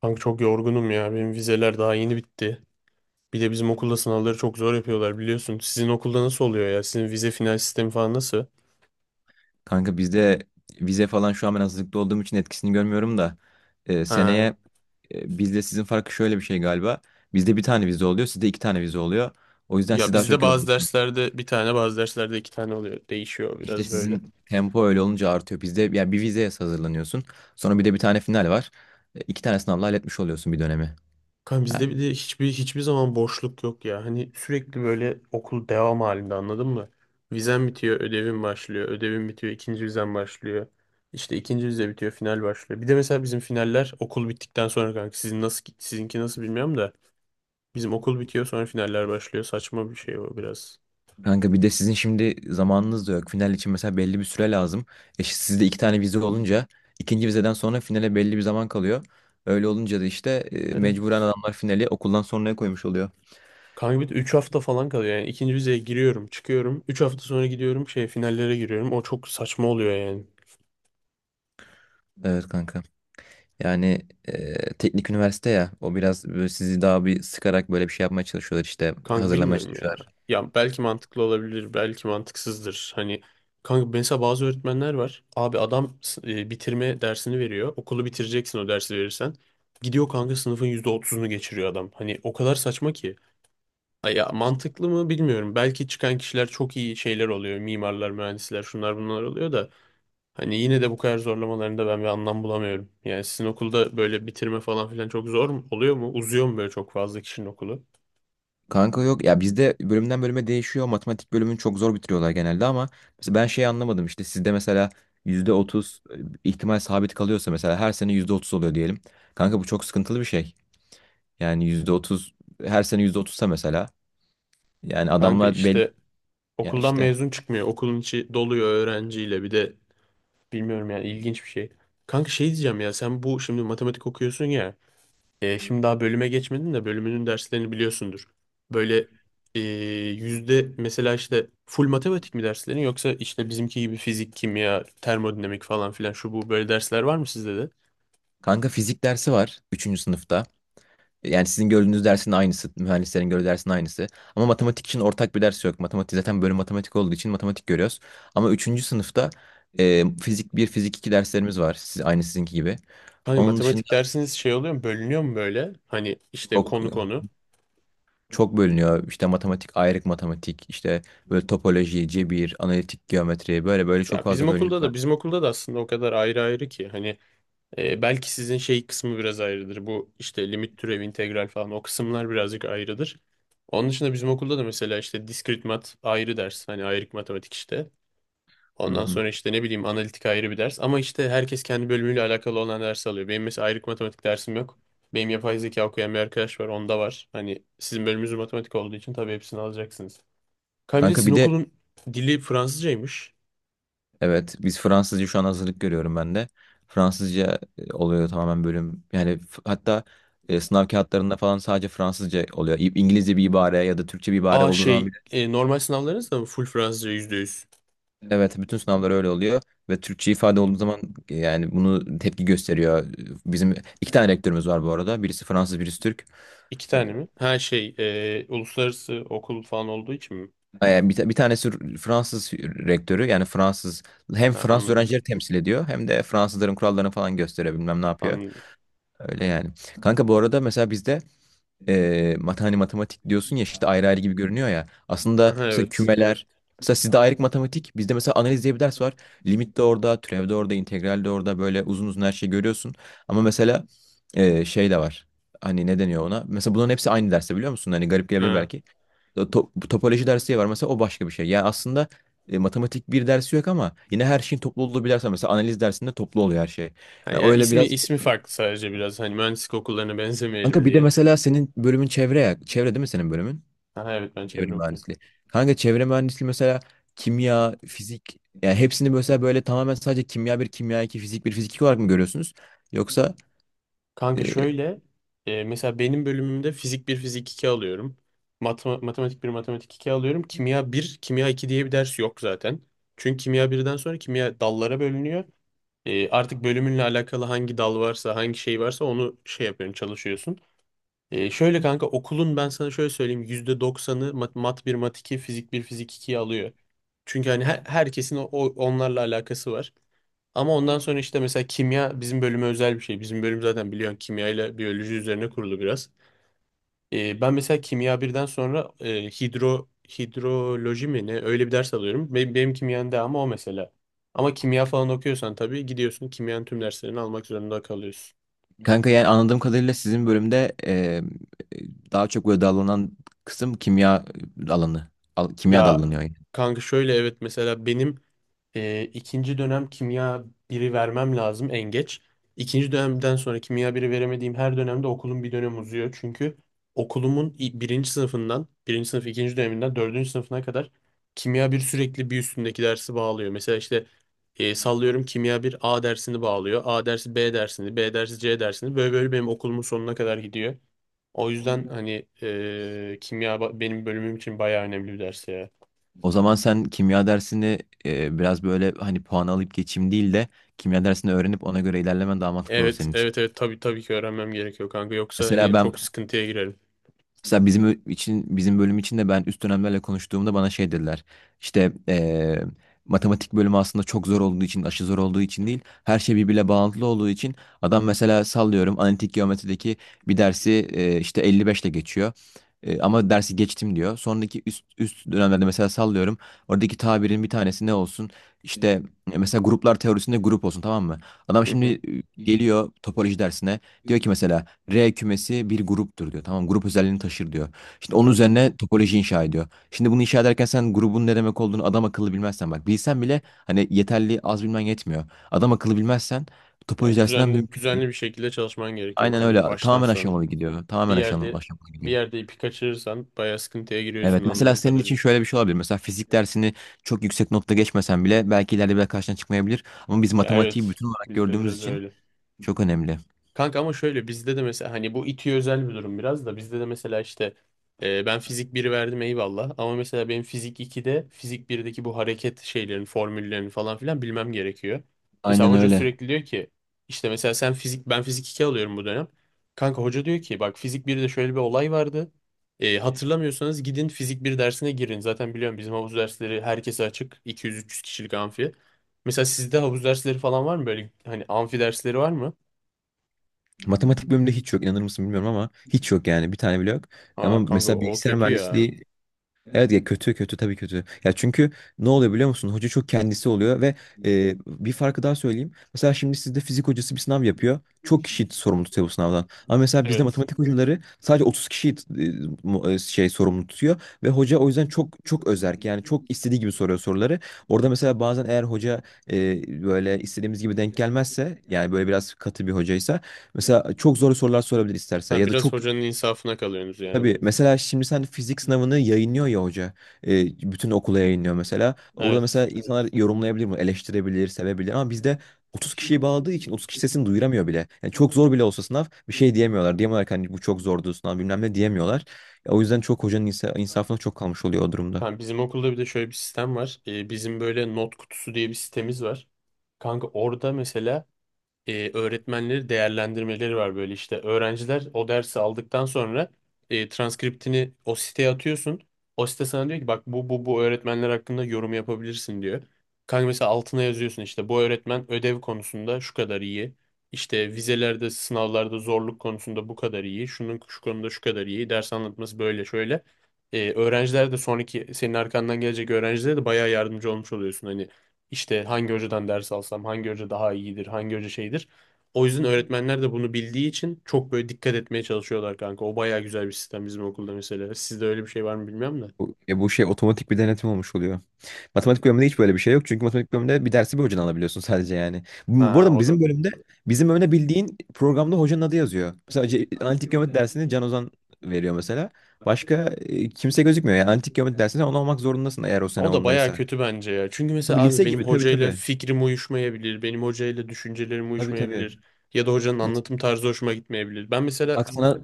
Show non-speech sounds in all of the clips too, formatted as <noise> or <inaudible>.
Kanka çok yorgunum ya. Benim vizeler daha yeni bitti. Bir de bizim okulda sınavları çok zor yapıyorlar biliyorsun. Sizin okulda nasıl oluyor ya? Sizin vize final sistemi falan nasıl? Kanka bizde vize falan şu an ben hazırlıklı olduğum için etkisini görmüyorum da Ha. seneye bizde sizin farkı şöyle bir şey galiba. Bizde bir tane vize oluyor, sizde iki tane vize oluyor. O yüzden siz Ya daha bizde çok bazı yoruluyorsunuz. derslerde bir tane, bazı derslerde iki tane oluyor. Değişiyor İşte biraz böyle. sizin tempo öyle olunca artıyor. Bizde yani bir vizeye hazırlanıyorsun. Sonra bir de bir tane final var. İki tane sınavla halletmiş oluyorsun bir dönemi. Kanka bizde bir de hiçbir zaman boşluk yok ya. Hani sürekli böyle okul devam halinde anladın mı? Vizen bitiyor, ödevin başlıyor. Ödevin bitiyor, ikinci vizen başlıyor. İşte ikinci vize bitiyor, final başlıyor. Bir de mesela bizim finaller okul bittikten sonra kanka. Sizinki nasıl bilmiyorum da. Bizim okul bitiyor sonra finaller başlıyor. Saçma bir şey o biraz. Kanka bir de sizin şimdi zamanınız da yok. Final için mesela belli bir süre lazım. Sizde iki tane vize olunca ikinci vizeden sonra finale belli bir zaman kalıyor. Öyle olunca da işte mecburen Evet. adamlar finali okuldan sonraya koymuş oluyor. Kanka bir de 3 hafta falan kalıyor yani. İkinci vizeye giriyorum, çıkıyorum. 3 hafta sonra gidiyorum şey finallere giriyorum. O çok saçma oluyor yani. Evet kanka. Yani teknik üniversite ya, o biraz böyle sizi daha bir sıkarak böyle bir şey yapmaya çalışıyorlar, işte Kanka hazırlamaya bilmiyorum ya. çalışıyorlar. Ya belki mantıklı olabilir, belki mantıksızdır. Hani kanka mesela bazı öğretmenler var. Abi adam bitirme dersini veriyor. Okulu bitireceksin o dersi verirsen. Gidiyor kanka sınıfın %30'unu geçiriyor adam. Hani o kadar saçma ki. Ay ya mantıklı mı bilmiyorum. Belki çıkan kişiler çok iyi şeyler oluyor. Mimarlar, mühendisler, şunlar bunlar oluyor da hani yine de bu kadar zorlamalarında ben bir anlam bulamıyorum. Yani sizin okulda böyle bitirme falan filan çok zor mu? Oluyor mu? Uzuyor mu böyle çok fazla kişinin okulu? Kanka yok ya, bizde bölümden bölüme değişiyor. Matematik bölümünü çok zor bitiriyorlar genelde ama mesela ben şey anlamadım, işte sizde mesela %30 ihtimal sabit kalıyorsa, mesela her sene %30 oluyor diyelim. Kanka bu çok sıkıntılı bir şey. Yani %30 her sene %30'sa mesela, yani Kanka adamlar belli işte ya okuldan işte. mezun çıkmıyor. Okulun içi doluyor öğrenciyle. Bir de bilmiyorum yani ilginç bir şey. Kanka şey diyeceğim ya sen bu şimdi matematik okuyorsun ya. Şimdi daha bölüme geçmedin de bölümünün derslerini biliyorsundur. Böyle e, yüzde mesela işte full matematik mi derslerin yoksa işte bizimki gibi fizik, kimya, termodinamik falan filan şu bu böyle dersler var mı sizde de? Kanka fizik dersi var üçüncü sınıfta. Yani sizin gördüğünüz dersin aynısı, mühendislerin gördüğü dersin aynısı. Ama matematik için ortak bir ders yok. Matematik zaten bölüm matematik olduğu için matematik görüyoruz. Ama üçüncü sınıfta fizik bir fizik 2 derslerimiz var. Siz, aynı sizinki gibi. Hani Onun dışında matematik dersiniz şey oluyor mu bölünüyor mu böyle? Hani işte çok konu konu. çok bölünüyor. İşte matematik, ayrık matematik, işte böyle topoloji, cebir, analitik geometri, böyle böyle çok Ya bizim fazla bölünüyor okulda da bizim kanka. okulda da aslında o kadar ayrı ayrı ki hani. Belki sizin şey kısmı biraz ayrıdır. Bu işte limit türev, integral falan o kısımlar birazcık ayrıdır. Onun dışında bizim okulda da mesela işte diskrit mat ayrı ders. Hani ayrık matematik işte. Hı Ondan hı. sonra işte ne bileyim analitik ayrı bir ders. Ama işte herkes kendi bölümüyle alakalı olan ders alıyor. Benim mesela ayrık matematik dersim yok. Benim yapay zeka okuyan bir arkadaş var. Onda var. Hani sizin bölümünüz matematik olduğu için tabii hepsini alacaksınız. Kanka bir de Kanka sizin bir de, okulun dili Fransızcaymış. evet, biz Fransızca şu an hazırlık görüyorum ben de. Fransızca oluyor tamamen bölüm. Yani hatta sınav kağıtlarında falan sadece Fransızca oluyor. İngilizce bir ibare ya da Türkçe bir ibare Aa, olduğu zaman bile. Normal sınavlarınız da mı full Fransızca %100? Evet, bütün sınavlar öyle oluyor ve Türkçe ifade olduğu zaman yani bunu tepki gösteriyor. Bizim iki tane rektörümüz var bu arada. Birisi Fransız, birisi Türk. İki E, tane mi? Ha, uluslararası okul falan olduğu için mi? Yani bir tanesi Fransız rektörü, yani Fransız hem Ha, Fransız anladım. öğrencileri temsil ediyor hem de Fransızların kurallarını falan gösteriyor, bilmem ne yapıyor. Anladım. Öyle yani. Kanka bu arada mesela bizde hani matematik diyorsun ya, işte ayrı ayrı gibi görünüyor ya. Aslında Ha, mesela evet. kümeler, mesela sizde ayrık matematik, bizde mesela analiz diye bir ders var. Limit de orada, türev de orada, integral de orada, böyle uzun uzun her şeyi görüyorsun. Ama mesela şey de var. Hani ne deniyor ona? Mesela bunların hepsi aynı derste, biliyor musun? Hani garip gelebilir Ha. belki. Bu topoloji dersi diye var mesela, o başka bir şey. Yani aslında matematik bir dersi yok ama yine her şeyin toplu olduğu bir ders var. Mesela analiz dersinde toplu oluyor her şey. Ha, Yani yani öyle ismi biraz. ismi farklı sadece biraz hani mühendislik okullarına <laughs> Kanka benzemeyelim bir de diye. mesela senin bölümün çevre ya. Çevre değil mi senin bölümün? Ha, evet, ben Çevre çevre okuyorum. mühendisliği. Kanka çevre mühendisliği mesela kimya, fizik, yani hepsini mesela böyle tamamen sadece kimya bir, kimya iki, fizik bir, fizik iki olarak mı görüyorsunuz? Yoksa Kanka e, şöyle, mesela benim bölümümde fizik bir fizik 2 alıyorum. Matematik bir matematik 2 alıyorum. Kimya bir kimya 2 diye bir ders yok zaten. Çünkü kimya birden sonra kimya dallara bölünüyor. Artık bölümünle alakalı hangi dal varsa hangi şey varsa onu şey yapıyorsun çalışıyorsun. Şöyle kanka okulun ben sana şöyle söyleyeyim %90'ı mat bir mat 2, fizik bir fizik 2'yi alıyor. Çünkü hani herkesin onlarla alakası var. Ama ondan sonra işte mesela kimya bizim bölüme özel bir şey. Bizim bölüm zaten biliyorsun kimya ile biyoloji üzerine kurulu biraz. Ben mesela kimya birden sonra hidroloji mi ne öyle bir ders alıyorum. Benim kimyanın devamı o mesela. Ama kimya falan okuyorsan tabii gidiyorsun kimyanın tüm derslerini almak zorunda kalıyorsun. kanka yani anladığım kadarıyla sizin bölümde daha çok böyle dallanan kısım kimya alanı. Kimya Ya dallanıyor yani. kanka şöyle evet mesela benim ikinci dönem kimya biri vermem lazım en geç. İkinci dönemden sonra kimya biri veremediğim her dönemde okulum bir dönem uzuyor. Çünkü okulumun birinci sınıf ikinci döneminden dördüncü sınıfına kadar kimya bir sürekli bir üstündeki dersi bağlıyor. Mesela işte sallıyorum kimya bir A dersini bağlıyor. A dersi B dersini, B dersi C dersini. Böyle böyle benim okulumun sonuna kadar gidiyor. O yüzden hani kimya benim bölümüm için bayağı önemli bir ders ya. O zaman sen kimya dersini biraz böyle hani puan alıp geçeyim değil de kimya dersini öğrenip ona göre ilerlemen daha mantıklı olur Evet, senin için. evet, evet. Tabii tabii ki öğrenmem gerekiyor kanka. Yoksa Mesela hani ben çok sıkıntıya girerim. Mesela bizim bölüm için de ben üst dönemlerle konuştuğumda bana şey dediler. İşte matematik bölümü aslında çok zor olduğu için, aşı zor olduğu için değil, her şey birbirle bağlantılı olduğu için adam mesela sallıyorum analitik geometrideki bir dersi işte 55 ile geçiyor. Ama dersi geçtim diyor. Sonraki üst üst dönemlerde mesela sallıyorum. Oradaki tabirin bir tanesi ne olsun? İşte mesela gruplar teorisinde grup olsun, tamam mı? Adam Hı şimdi hı. Geliyor topoloji dersine. Diyor ki mesela R kümesi bir gruptur diyor. Tamam, grup özelliğini taşır diyor. Şimdi onun Aha. üzerine topoloji inşa ediyor. Şimdi bunu inşa ederken sen grubun ne demek olduğunu adam akıllı bilmezsen, bak bilsen bile hani yeterli, az bilmen yetmiyor. Adam akıllı bilmezsen topoloji Yani dersinden düzenli mümkün değil. düzenli bir şekilde çalışman gerekiyor Aynen öyle, kanka baştan tamamen sona. aşamalı gidiyor. Bir Tamamen yerde aşamalı, aşamalı bir gidiyor. yerde ipi kaçırırsan bayağı sıkıntıya giriyorsun Evet, mesela anladığım senin için kadarıyla. şöyle bir şey olabilir. Mesela fizik dersini çok yüksek notla geçmesen bile belki ileride bir daha karşına çıkmayabilir. Ama biz Ya, matematiği evet, bütün olarak bizde gördüğümüz biraz için öyle. çok önemli. Kanka ama şöyle bizde de mesela hani bu İTÜ özel bir durum biraz da bizde de mesela işte ben fizik biri verdim eyvallah ama mesela benim fizik 2'de fizik 1'deki bu hareket şeylerin formüllerini falan filan bilmem gerekiyor. Mesela Aynen hoca öyle. sürekli diyor ki işte mesela sen fizik ben fizik 2 alıyorum bu dönem. Kanka hoca diyor ki bak fizik birde şöyle bir olay vardı. Hatırlamıyorsanız gidin fizik bir dersine girin. Zaten biliyorum bizim havuz dersleri herkese açık 200 300 kişilik amfi. Mesela sizde havuz dersleri falan var mı böyle hani amfi dersleri var mı? Matematik bölümünde hiç yok, inanır mısın bilmiyorum ama hiç yok, yani bir tane bile yok. Ama Aa kanka mesela o bilgisayar kötü ya. mühendisliği. Evet ya, kötü kötü, tabii kötü. Ya çünkü ne oluyor biliyor musun? Hoca çok kendisi oluyor ve bir farkı daha söyleyeyim. Mesela şimdi sizde fizik hocası bir sınav yapıyor. Çok kişi sorumlu tutuyor bu sınavdan. Ama mesela bizde Evet. matematik hocaları sadece 30 kişiyi şey sorumlu tutuyor ve hoca o yüzden çok çok özerk. Yani çok istediği gibi soruyor soruları. Orada mesela bazen eğer hoca böyle istediğimiz gibi denk gelmezse, yani böyle biraz katı bir hocaysa mesela çok zor sorular sorabilir isterse, Ha, ya da biraz çok. hocanın insafına kalıyorsunuz yani. Tabii mesela şimdi sen fizik sınavını yayınlıyor ya hoca. Bütün okula yayınlıyor mesela. Orada mesela, Evet. evet, insanlar yorumlayabilir mi? Eleştirebilir, sevebilir ama bizde 30 kişiyi bağladığı için 30 kişi sesini duyuramıyor bile. Yani çok zor bile olsa sınav, bir şey diyemiyorlar. Diyemiyorlar ki hani bu çok zordu sınav, bilmem ne diyemiyorlar. Ya o yüzden çok hocanın insafına çok kalmış oluyor o durumda. Ha, bizim okulda bir de şöyle bir sistem var. Bizim böyle not kutusu diye bir sitemiz var. Kanka orada mesela öğretmenleri değerlendirmeleri var böyle işte öğrenciler o dersi aldıktan sonra transkriptini o siteye atıyorsun. O site sana diyor ki bak bu öğretmenler hakkında yorum yapabilirsin diyor. Kanka mesela altına yazıyorsun işte bu öğretmen ödev konusunda şu kadar iyi. İşte vizelerde, sınavlarda zorluk konusunda bu kadar iyi. Şunun şu konuda şu kadar iyi. Ders anlatması böyle şöyle. Öğrenciler de sonraki senin arkandan gelecek öğrencilere de bayağı yardımcı olmuş oluyorsun. Hani işte hangi hocadan ders alsam, hangi hoca daha iyidir, hangi hoca şeydir. O yüzden öğretmenler de bunu bildiği için çok böyle dikkat etmeye çalışıyorlar kanka. O bayağı güzel bir sistem bizim okulda mesela. Sizde öyle bir şey var mı bilmiyorum da. Ya bu şey, otomatik bir denetim olmuş oluyor. Matematik bölümünde hiç böyle bir şey yok. Çünkü matematik bölümünde bir dersi bir hocadan alabiliyorsun sadece, yani. Ha, Bu arada o bizim da. bölümde bildiğin programda hocanın adı yazıyor. Mesela analitik geometri dersini Can Ozan veriyor mesela. Başka kimse gözükmüyor. Yani analitik geometri dersinde onu olmak zorundasın eğer o sene O da bayağı ondaysa. kötü bence ya. Çünkü Tabii, mesela abi lise benim gibi, tabii hocayla tabii. fikrim uyuşmayabilir. Benim hocayla düşüncelerim Tabii tabii. uyuşmayabilir. Ya da hocanın Mes- anlatım tarzı hoşuma gitmeyebilir. Ben mesela... Bak sana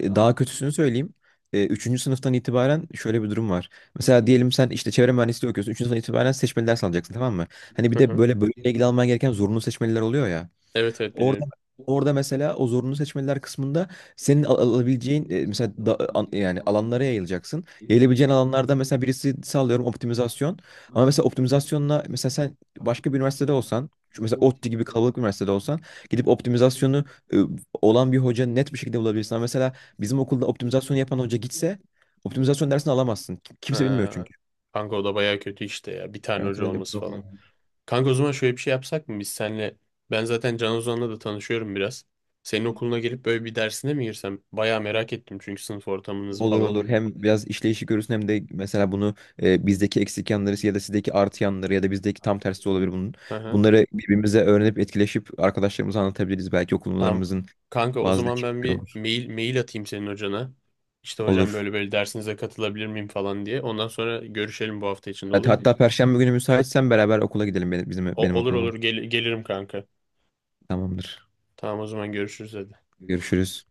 daha kötüsünü söyleyeyim. Üçüncü sınıftan itibaren şöyle bir durum var. Mesela diyelim sen işte çevre mühendisliği okuyorsun. Üçüncü sınıftan itibaren seçmeli ders alacaksın, tamam mı? Hani Hı bir de hı. böyle bölümle ilgili alman gereken zorunlu seçmeliler oluyor ya. Evet, evet, Orada biliyorum. Orada mesela o zorunlu seçmeliler kısmında senin alabileceğin mesela yani alanlara yayılacaksın. Yayılabileceğin alanlarda mesela birisi sağlıyorum optimizasyon. Ama mesela optimizasyonla, mesela sen başka bir üniversitede olsan, şu mesela ODTÜ gibi kalabalık bir üniversitede olsan gidip optimizasyonu e, olan bir hoca net bir şekilde bulabilirsin. Ama mesela bizim okulda optimizasyonu yapan hoca gitse optimizasyon dersini alamazsın. Kimse bilmiyor Ha, çünkü. kanka o da baya kötü işte ya. Bir tane Evet hoca öyle. olması falan. Kanka o zaman şöyle bir şey yapsak mı? Biz senle ben zaten Can Ozan'la da tanışıyorum biraz. Senin okuluna gelip böyle bir dersine mi girsem? Baya merak ettim çünkü sınıf ortamınızı Olur falan. olur. Hem biraz işleyişi görürsün hem de mesela bunu bizdeki eksik yanları ya da sizdeki artı yanları, ya da bizdeki tam tersi de olabilir bunun. Hı hı. Bunları birbirimize öğrenip etkileşip arkadaşlarımıza anlatabiliriz. Belki Tamam. okullarımızın Kanka o bazı zaman ben değişiklikleri bir olur. mail atayım senin hocana. İşte hocam Olur. böyle böyle dersinize katılabilir miyim falan diye. Ondan sonra görüşelim bu hafta içinde olur mu? Hatta Perşembe günü müsaitsen beraber okula gidelim, O, benim olur okuluma. olur. Gelirim kanka. Tamamdır. Tamam o zaman görüşürüz hadi. Görüşürüz.